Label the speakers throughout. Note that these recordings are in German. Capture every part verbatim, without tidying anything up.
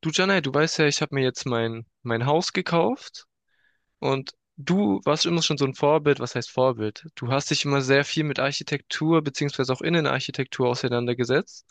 Speaker 1: Du, Janai, du weißt ja, ich habe mir jetzt mein, mein Haus gekauft und du warst immer schon so ein Vorbild. Was heißt Vorbild? Du hast dich immer sehr viel mit Architektur beziehungsweise auch Innenarchitektur auseinandergesetzt.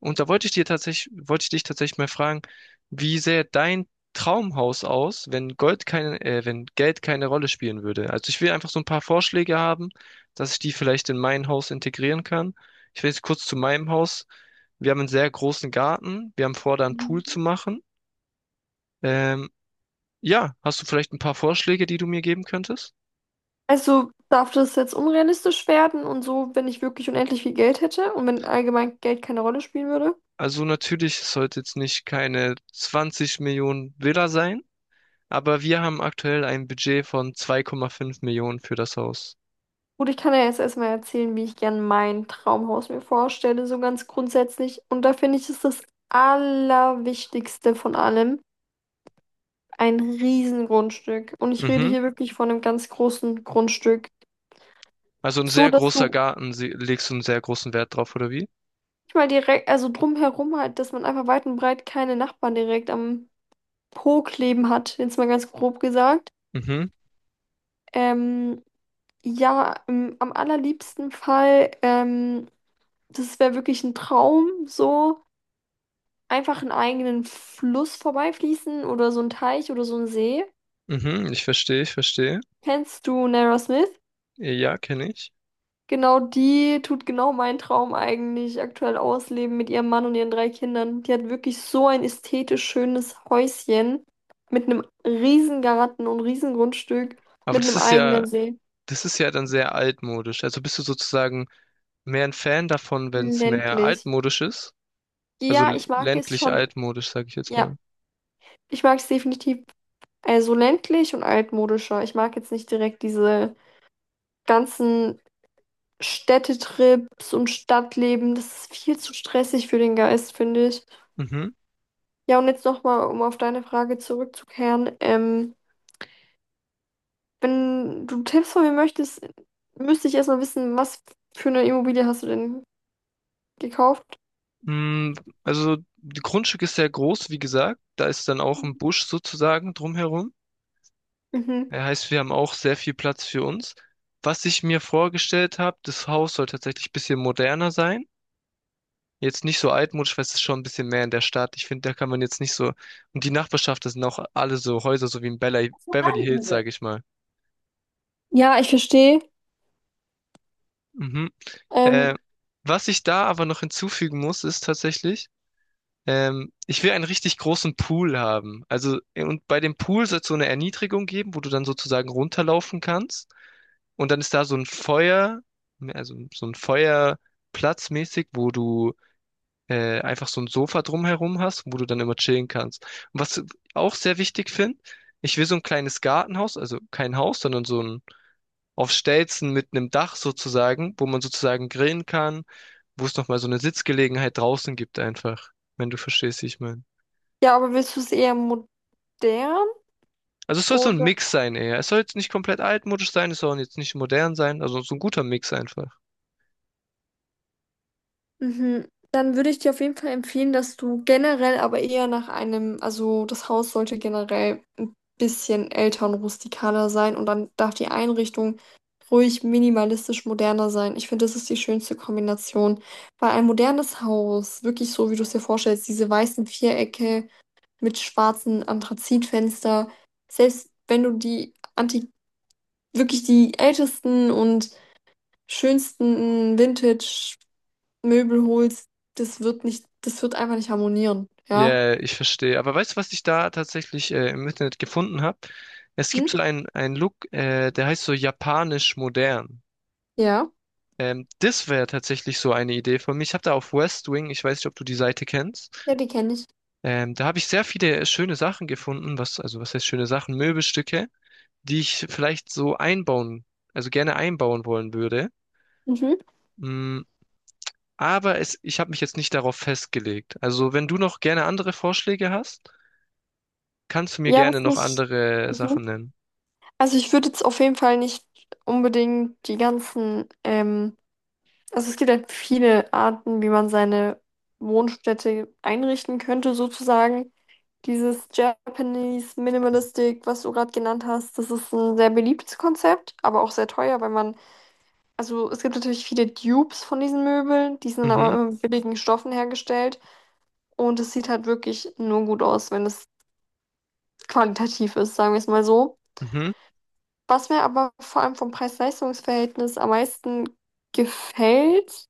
Speaker 1: Und da wollte ich dir tatsächlich, wollte ich dich tatsächlich mal fragen, wie sähe dein Traumhaus aus, wenn Gold keine, äh, wenn Geld keine Rolle spielen würde? Also ich will einfach so ein paar Vorschläge haben, dass ich die vielleicht in mein Haus integrieren kann. Ich will jetzt kurz zu meinem Haus. Wir haben einen sehr großen Garten. Wir haben vor, da einen Pool zu machen. Ähm, ja, hast du vielleicht ein paar Vorschläge, die du mir geben könntest?
Speaker 2: Also darf das jetzt unrealistisch werden und so, wenn ich wirklich unendlich viel Geld hätte und wenn allgemein Geld keine Rolle spielen würde?
Speaker 1: Also natürlich, es sollte jetzt nicht keine zwanzig Millionen Villa sein, aber wir haben aktuell ein Budget von zwei Komma fünf Millionen für das Haus.
Speaker 2: Gut, ich kann ja jetzt erstmal erzählen, wie ich gern mein Traumhaus mir vorstelle, so ganz grundsätzlich. Und da finde ich, ist das Allerwichtigste von allem ein Riesengrundstück. Und ich rede
Speaker 1: Mhm.
Speaker 2: hier wirklich von einem ganz großen Grundstück.
Speaker 1: Also ein
Speaker 2: So,
Speaker 1: sehr
Speaker 2: dass
Speaker 1: großer
Speaker 2: du
Speaker 1: Garten, sie- legst du einen sehr großen Wert drauf, oder wie?
Speaker 2: nicht mal direkt, also drumherum halt, dass man einfach weit und breit keine Nachbarn direkt am Po kleben hat, jetzt mal ganz grob gesagt.
Speaker 1: Mhm,
Speaker 2: Ähm, Ja, im, am allerliebsten Fall, ähm, das wäre wirklich ein Traum, so einfach einen eigenen Fluss vorbeifließen oder so ein Teich oder so ein See.
Speaker 1: mhm, ich verstehe, ich verstehe.
Speaker 2: Kennst du Nara Smith?
Speaker 1: Ja, kenne ich.
Speaker 2: Genau, die tut genau meinen Traum eigentlich aktuell ausleben mit ihrem Mann und ihren drei Kindern. Die hat wirklich so ein ästhetisch schönes Häuschen mit einem riesen Garten und riesen Grundstück
Speaker 1: Aber
Speaker 2: mit
Speaker 1: das
Speaker 2: einem
Speaker 1: ist
Speaker 2: eigenen
Speaker 1: ja,
Speaker 2: See.
Speaker 1: das ist ja dann sehr altmodisch. Also bist du sozusagen mehr ein Fan davon, wenn es mehr
Speaker 2: Ländlich.
Speaker 1: altmodisch ist? Also
Speaker 2: Ja,
Speaker 1: l-
Speaker 2: ich mag es
Speaker 1: ländlich
Speaker 2: schon.
Speaker 1: altmodisch, sage ich jetzt
Speaker 2: Ja,
Speaker 1: mal.
Speaker 2: ich mag es definitiv. Also ländlich und altmodischer. Ich mag jetzt nicht direkt diese ganzen Städtetrips und Stadtleben. Das ist viel zu stressig für den Geist, finde ich.
Speaker 1: Mhm.
Speaker 2: Ja, und jetzt nochmal, um auf deine Frage zurückzukehren. Ähm, wenn du Tipps von mir möchtest, müsste ich erstmal wissen, was für eine Immobilie hast du denn gekauft?
Speaker 1: Mm, Also, das Grundstück ist sehr groß, wie gesagt. Da ist dann auch ein Busch sozusagen drumherum.
Speaker 2: Mhm.
Speaker 1: Das heißt, wir haben auch sehr viel Platz für uns. Was ich mir vorgestellt habe, das Haus soll tatsächlich ein bisschen moderner sein. Jetzt nicht so altmodisch, weil es ist schon ein bisschen mehr in der Stadt. Ich finde, da kann man jetzt nicht so. Und die Nachbarschaft, das sind auch alle so Häuser, so wie in Bella- Beverly Hills, sage ich mal.
Speaker 2: Ja, ich verstehe.
Speaker 1: Mhm. Äh,
Speaker 2: Ähm,
Speaker 1: was ich da aber noch hinzufügen muss, ist tatsächlich, Ähm, ich will einen richtig großen Pool haben. Also, äh, und bei dem Pool soll es so eine Erniedrigung geben, wo du dann sozusagen runterlaufen kannst. Und dann ist da so ein Feuer, also so ein Feuerplatz mäßig, wo du äh, einfach so ein Sofa drumherum hast, wo du dann immer chillen kannst. Und was ich auch sehr wichtig finde, ich will so ein kleines Gartenhaus, also kein Haus, sondern so ein auf Stelzen mit einem Dach sozusagen, wo man sozusagen grillen kann, wo es nochmal so eine Sitzgelegenheit draußen gibt einfach, wenn du verstehst, wie ich meine.
Speaker 2: ja, aber willst du es eher modern,
Speaker 1: Also es soll so ein
Speaker 2: oder?
Speaker 1: Mix sein eher. Es soll jetzt nicht komplett altmodisch sein, es soll jetzt nicht modern sein, also so ein guter Mix einfach.
Speaker 2: Mhm. Dann würde ich dir auf jeden Fall empfehlen, dass du generell aber eher nach einem, also das Haus sollte generell ein bisschen älter und rustikaler sein und dann darf die Einrichtung ruhig minimalistisch moderner sein. Ich finde, das ist die schönste Kombination, weil ein modernes Haus, wirklich so, wie du es dir vorstellst, diese weißen Vierecke mit schwarzen Anthrazitfenster, selbst wenn du die anti, wirklich die ältesten und schönsten Möbel holst, das wird nicht, das wird einfach nicht harmonieren,
Speaker 1: Ja,
Speaker 2: ja?
Speaker 1: yeah, ich verstehe. Aber weißt du, was ich da tatsächlich äh, im Internet gefunden habe? Es
Speaker 2: Hm?
Speaker 1: gibt so einen, einen Look, äh, der heißt so japanisch modern.
Speaker 2: Ja,
Speaker 1: Ähm, das wäre tatsächlich so eine Idee von mir. Ich habe da auf West Wing, ich weiß nicht, ob du die Seite kennst,
Speaker 2: ja, die kenne ich.
Speaker 1: ähm, da habe ich sehr viele äh, schöne Sachen gefunden, was, also was heißt schöne Sachen, Möbelstücke, die ich vielleicht so einbauen, also gerne einbauen wollen würde.
Speaker 2: Mhm.
Speaker 1: Mm, Aber es, ich habe mich jetzt nicht darauf festgelegt. Also, wenn du noch gerne andere Vorschläge hast, kannst du mir
Speaker 2: Ja,
Speaker 1: gerne
Speaker 2: was
Speaker 1: noch
Speaker 2: nicht.
Speaker 1: andere
Speaker 2: Mhm.
Speaker 1: Sachen nennen.
Speaker 2: Also ich würde jetzt auf jeden Fall nicht unbedingt die ganzen, ähm, also es gibt halt viele Arten, wie man seine Wohnstätte einrichten könnte, sozusagen. Dieses Japanese Minimalistic, was du gerade genannt hast, das ist ein sehr beliebtes Konzept, aber auch sehr teuer, weil man... Also es gibt natürlich viele Dupes von diesen Möbeln, die sind aber
Speaker 1: Mhm,
Speaker 2: immer mit billigen Stoffen hergestellt und es sieht halt wirklich nur gut aus, wenn es qualitativ ist, sagen wir es mal so.
Speaker 1: mhm.
Speaker 2: Was mir aber vor allem vom Preis-Leistungs-Verhältnis am meisten gefällt,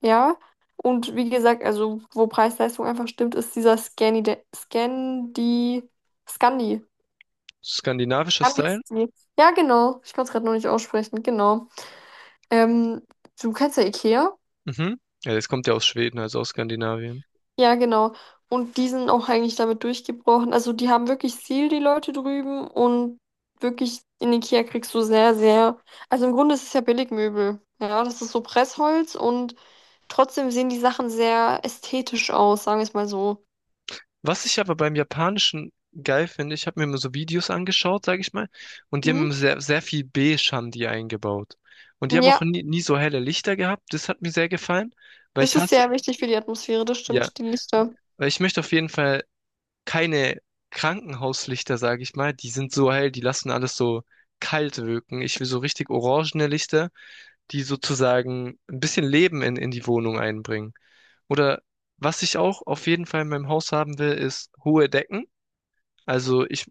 Speaker 2: ja, und wie gesagt, also wo Preis-Leistung einfach stimmt, ist dieser Scandi, Scandi, Scandi,
Speaker 1: Skandinavischer Style?
Speaker 2: Scandi-Stil. Ja, genau, ich kann es gerade noch nicht aussprechen, genau. Ähm, du kennst ja IKEA?
Speaker 1: Mhm. Ja, das kommt ja aus Schweden, also aus Skandinavien.
Speaker 2: Ja, genau. Und die sind auch eigentlich damit durchgebrochen. Also die haben wirklich Ziel, die Leute drüben. Und wirklich in Ikea kriegst du sehr, sehr... Also im Grunde ist es ja Billigmöbel. Ja, das ist so Pressholz und trotzdem sehen die Sachen sehr ästhetisch aus, sagen wir es mal so.
Speaker 1: Was ich aber beim Japanischen geil finde, ich habe mir immer so Videos angeschaut, sage ich mal, und die haben
Speaker 2: Hm?
Speaker 1: immer sehr, sehr viel Beige-Handy eingebaut. Und die haben auch
Speaker 2: Ja,
Speaker 1: nie, nie so helle Lichter gehabt. Das hat mir sehr gefallen, weil
Speaker 2: das
Speaker 1: ich
Speaker 2: ist
Speaker 1: hasse,
Speaker 2: sehr wichtig für die Atmosphäre, das
Speaker 1: ja,
Speaker 2: stimmt, die Lichter.
Speaker 1: weil ich möchte auf jeden Fall keine Krankenhauslichter, sage ich mal. Die sind so hell, die lassen alles so kalt wirken. Ich will so richtig orangene Lichter, die sozusagen ein bisschen Leben in, in die Wohnung einbringen. Oder was ich auch auf jeden Fall in meinem Haus haben will, ist hohe Decken. Also ich,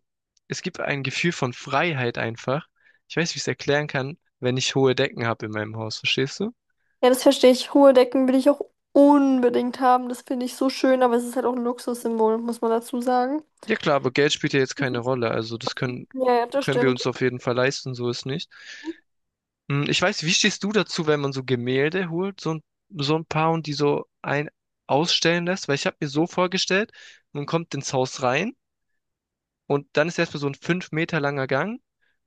Speaker 1: es gibt ein Gefühl von Freiheit einfach. Ich weiß, wie ich es erklären kann, wenn ich hohe Decken habe in meinem Haus, verstehst du?
Speaker 2: Ja, das verstehe ich. Hohe Decken will ich auch unbedingt haben. Das finde ich so schön, aber es ist halt auch ein Luxussymbol, muss man dazu sagen.
Speaker 1: Ja klar, aber Geld spielt ja jetzt keine Rolle. Also das können,
Speaker 2: Ja, ja, das
Speaker 1: können wir
Speaker 2: stimmt.
Speaker 1: uns auf jeden Fall leisten, so ist nicht. Hm, Ich weiß, wie stehst du dazu, wenn man so Gemälde holt, so ein, so ein paar und die so ein ausstellen lässt? Weil ich habe mir
Speaker 2: In
Speaker 1: so vorgestellt, man kommt ins Haus rein und dann ist erstmal so ein fünf Meter langer Gang,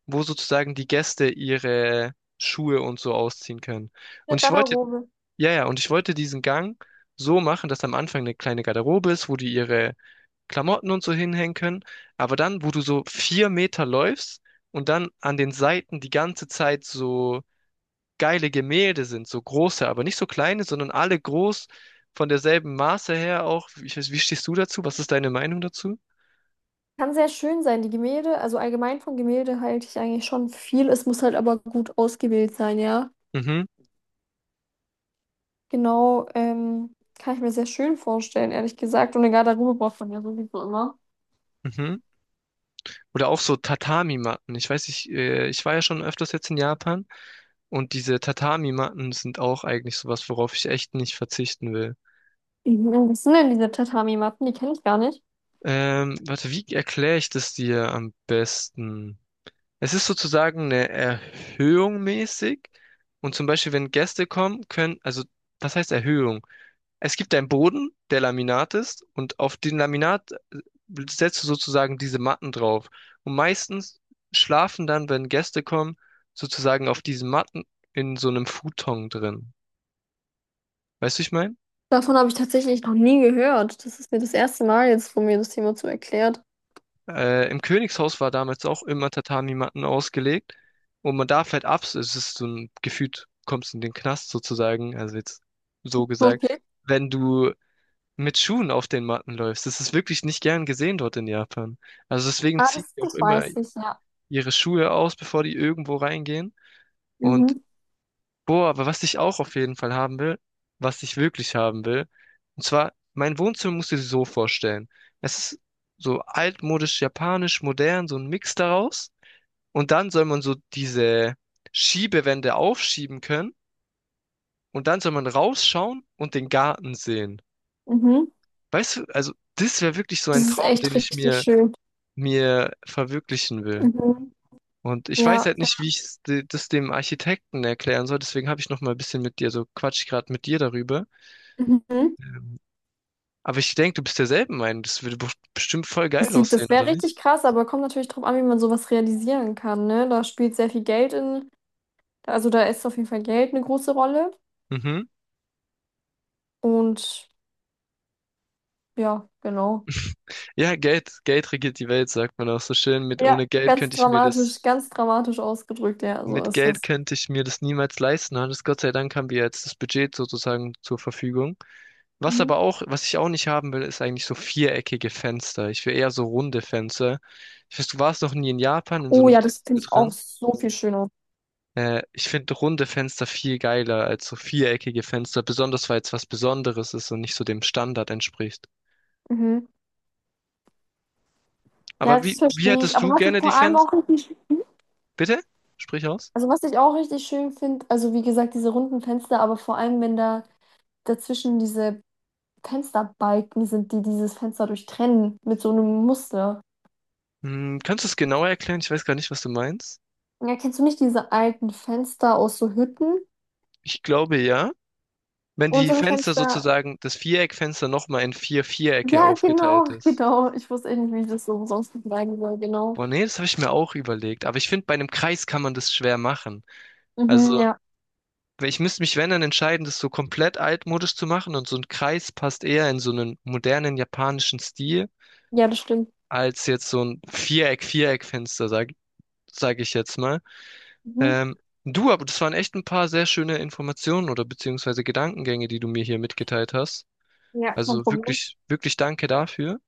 Speaker 1: wo sozusagen die Gäste ihre Schuhe und so ausziehen können.
Speaker 2: der
Speaker 1: Und ich wollte,
Speaker 2: Garderobe.
Speaker 1: ja, ja, und ich wollte diesen Gang so machen, dass am Anfang eine kleine Garderobe ist, wo die ihre Klamotten und so hinhängen können. Aber dann, wo du so vier Meter läufst und dann an den Seiten die ganze Zeit so geile Gemälde sind, so große, aber nicht so kleine, sondern alle groß von derselben Maße her auch. Ich weiß, wie stehst du dazu? Was ist deine Meinung dazu?
Speaker 2: Kann sehr schön sein, die Gemälde. Also allgemein von Gemälde halte ich eigentlich schon viel. Es muss halt aber gut ausgewählt sein, ja.
Speaker 1: Mhm,
Speaker 2: Genau, ähm, kann ich mir sehr schön vorstellen, ehrlich gesagt. Und eine Garderobe braucht man ja sowieso immer.
Speaker 1: mhm. Oder auch so Tatami-Matten. Ich weiß, ich, äh, ich war ja schon öfters jetzt in Japan und diese Tatami-Matten sind auch eigentlich sowas, worauf ich echt nicht verzichten will.
Speaker 2: Mhm. Was sind denn diese Tatami-Matten? Die kenne ich gar nicht.
Speaker 1: Ähm, warte, wie erkläre ich das dir am besten? Es ist sozusagen eine Erhöhung mäßig. Und zum Beispiel, wenn Gäste kommen, können, also das heißt Erhöhung. Es gibt einen Boden, der Laminat ist, und auf den Laminat äh, setzt du sozusagen diese Matten drauf. Und meistens schlafen dann, wenn Gäste kommen, sozusagen auf diesen Matten in so einem Futon drin. Weißt du, ich meine?
Speaker 2: Davon habe ich tatsächlich noch nie gehört. Das ist mir das erste Mal jetzt, wo mir das jemand so erklärt.
Speaker 1: Äh, im Königshaus war damals auch immer Tatami-Matten ausgelegt. Und man darf halt ab, es ist so ein gefühlt, kommst in den Knast sozusagen, also jetzt so gesagt,
Speaker 2: Okay.
Speaker 1: wenn du mit Schuhen auf den Matten läufst. Das ist wirklich nicht gern gesehen dort in Japan. Also deswegen
Speaker 2: Ah,
Speaker 1: ziehen
Speaker 2: das,
Speaker 1: die auch
Speaker 2: das
Speaker 1: immer
Speaker 2: weiß ich, ja.
Speaker 1: ihre Schuhe aus, bevor die irgendwo reingehen. Und
Speaker 2: Mhm.
Speaker 1: boah, aber was ich auch auf jeden Fall haben will, was ich wirklich haben will, und zwar, mein Wohnzimmer musst du dir so vorstellen. Es ist so altmodisch, japanisch, modern, so ein Mix daraus. Und dann soll man so diese Schiebewände aufschieben können. Und dann soll man rausschauen und den Garten sehen.
Speaker 2: Mhm.
Speaker 1: Weißt du, also das wäre wirklich so
Speaker 2: Das
Speaker 1: ein
Speaker 2: ist
Speaker 1: Traum, den
Speaker 2: echt
Speaker 1: ich
Speaker 2: richtig
Speaker 1: mir,
Speaker 2: schön.
Speaker 1: mir verwirklichen will.
Speaker 2: Mhm.
Speaker 1: Und ich weiß
Speaker 2: Ja.
Speaker 1: halt nicht, wie ich das dem Architekten erklären soll. Deswegen habe ich noch mal ein bisschen mit dir, so quatsch ich gerade mit dir darüber.
Speaker 2: Mhm.
Speaker 1: Aber ich denke, du bist derselben Meinung. Das würde bef- bestimmt voll
Speaker 2: Das
Speaker 1: geil
Speaker 2: sieht,
Speaker 1: aussehen,
Speaker 2: das wäre
Speaker 1: oder nicht?
Speaker 2: richtig krass, aber kommt natürlich drauf an, wie man sowas realisieren kann, ne? Da spielt sehr viel Geld in, also da ist auf jeden Fall Geld eine große Rolle.
Speaker 1: Mhm.
Speaker 2: Und ja, genau.
Speaker 1: Ja, Geld, Geld regiert die Welt, sagt man auch so schön. Mit,
Speaker 2: Ja,
Speaker 1: ohne Geld
Speaker 2: ganz
Speaker 1: könnte ich mir das,
Speaker 2: dramatisch, ganz dramatisch ausgedrückt, ja, so
Speaker 1: mit
Speaker 2: ist
Speaker 1: Geld
Speaker 2: das.
Speaker 1: könnte ich mir das niemals leisten. Und Gott sei Dank haben wir jetzt das Budget sozusagen zur Verfügung. Was
Speaker 2: Mhm.
Speaker 1: aber auch, was ich auch nicht haben will, ist eigentlich so viereckige Fenster. Ich will eher so runde Fenster. Ich weiß, du warst noch nie in Japan in so
Speaker 2: Oh
Speaker 1: einem
Speaker 2: ja, das finde ich auch
Speaker 1: Tempel.
Speaker 2: so viel schöner.
Speaker 1: Äh, ich finde runde Fenster viel geiler als so viereckige Fenster, besonders weil es was Besonderes ist und nicht so dem Standard entspricht.
Speaker 2: Mhm. Ja,
Speaker 1: Aber
Speaker 2: das
Speaker 1: wie, wie
Speaker 2: verstehe ich.
Speaker 1: hättest
Speaker 2: Aber
Speaker 1: du
Speaker 2: was ich
Speaker 1: gerne die
Speaker 2: vor allem
Speaker 1: Fenster?
Speaker 2: auch richtig,
Speaker 1: Bitte? Sprich aus.
Speaker 2: also was ich auch richtig schön finde, also wie gesagt, diese runden Fenster, aber vor allem, wenn da dazwischen diese Fensterbalken sind, die dieses Fenster durchtrennen mit so einem Muster.
Speaker 1: Hm, kannst du es genauer erklären? Ich weiß gar nicht, was du meinst.
Speaker 2: Ja, kennst du nicht diese alten Fenster aus so Hütten?
Speaker 1: Ich glaube ja, wenn die
Speaker 2: Unsere
Speaker 1: Fenster
Speaker 2: Fenster.
Speaker 1: sozusagen, das Viereckfenster nochmal in vier Vierecke
Speaker 2: Ja,
Speaker 1: aufgeteilt
Speaker 2: genau,
Speaker 1: ist.
Speaker 2: genau. Ich wusste eh nicht, wie ich das so sonst sagen soll, genau.
Speaker 1: Boah, nee, das habe ich mir auch überlegt. Aber ich finde, bei einem Kreis kann man das schwer machen.
Speaker 2: Mhm,
Speaker 1: Also
Speaker 2: ja.
Speaker 1: weil ich müsste mich, wenn dann entscheiden, das so komplett altmodisch zu machen und so ein Kreis passt eher in so einen modernen japanischen Stil
Speaker 2: Ja, das stimmt.
Speaker 1: als jetzt so ein Viereck, Viereckfenster, sag, sag ich jetzt mal.
Speaker 2: Mhm.
Speaker 1: Ähm, Du, aber das waren echt ein paar sehr schöne Informationen oder beziehungsweise Gedankengänge, die du mir hier mitgeteilt hast.
Speaker 2: Ja, kein
Speaker 1: Also
Speaker 2: Problem.
Speaker 1: wirklich, wirklich danke dafür.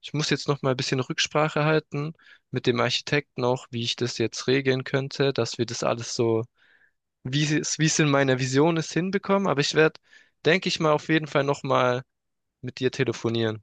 Speaker 1: Ich muss jetzt noch mal ein bisschen Rücksprache halten mit dem Architekten auch, wie ich das jetzt regeln könnte, dass wir das alles so wie sie es, wie es in meiner Vision ist, hinbekommen. Aber ich werde, denke ich mal, auf jeden Fall nochmal mit dir telefonieren.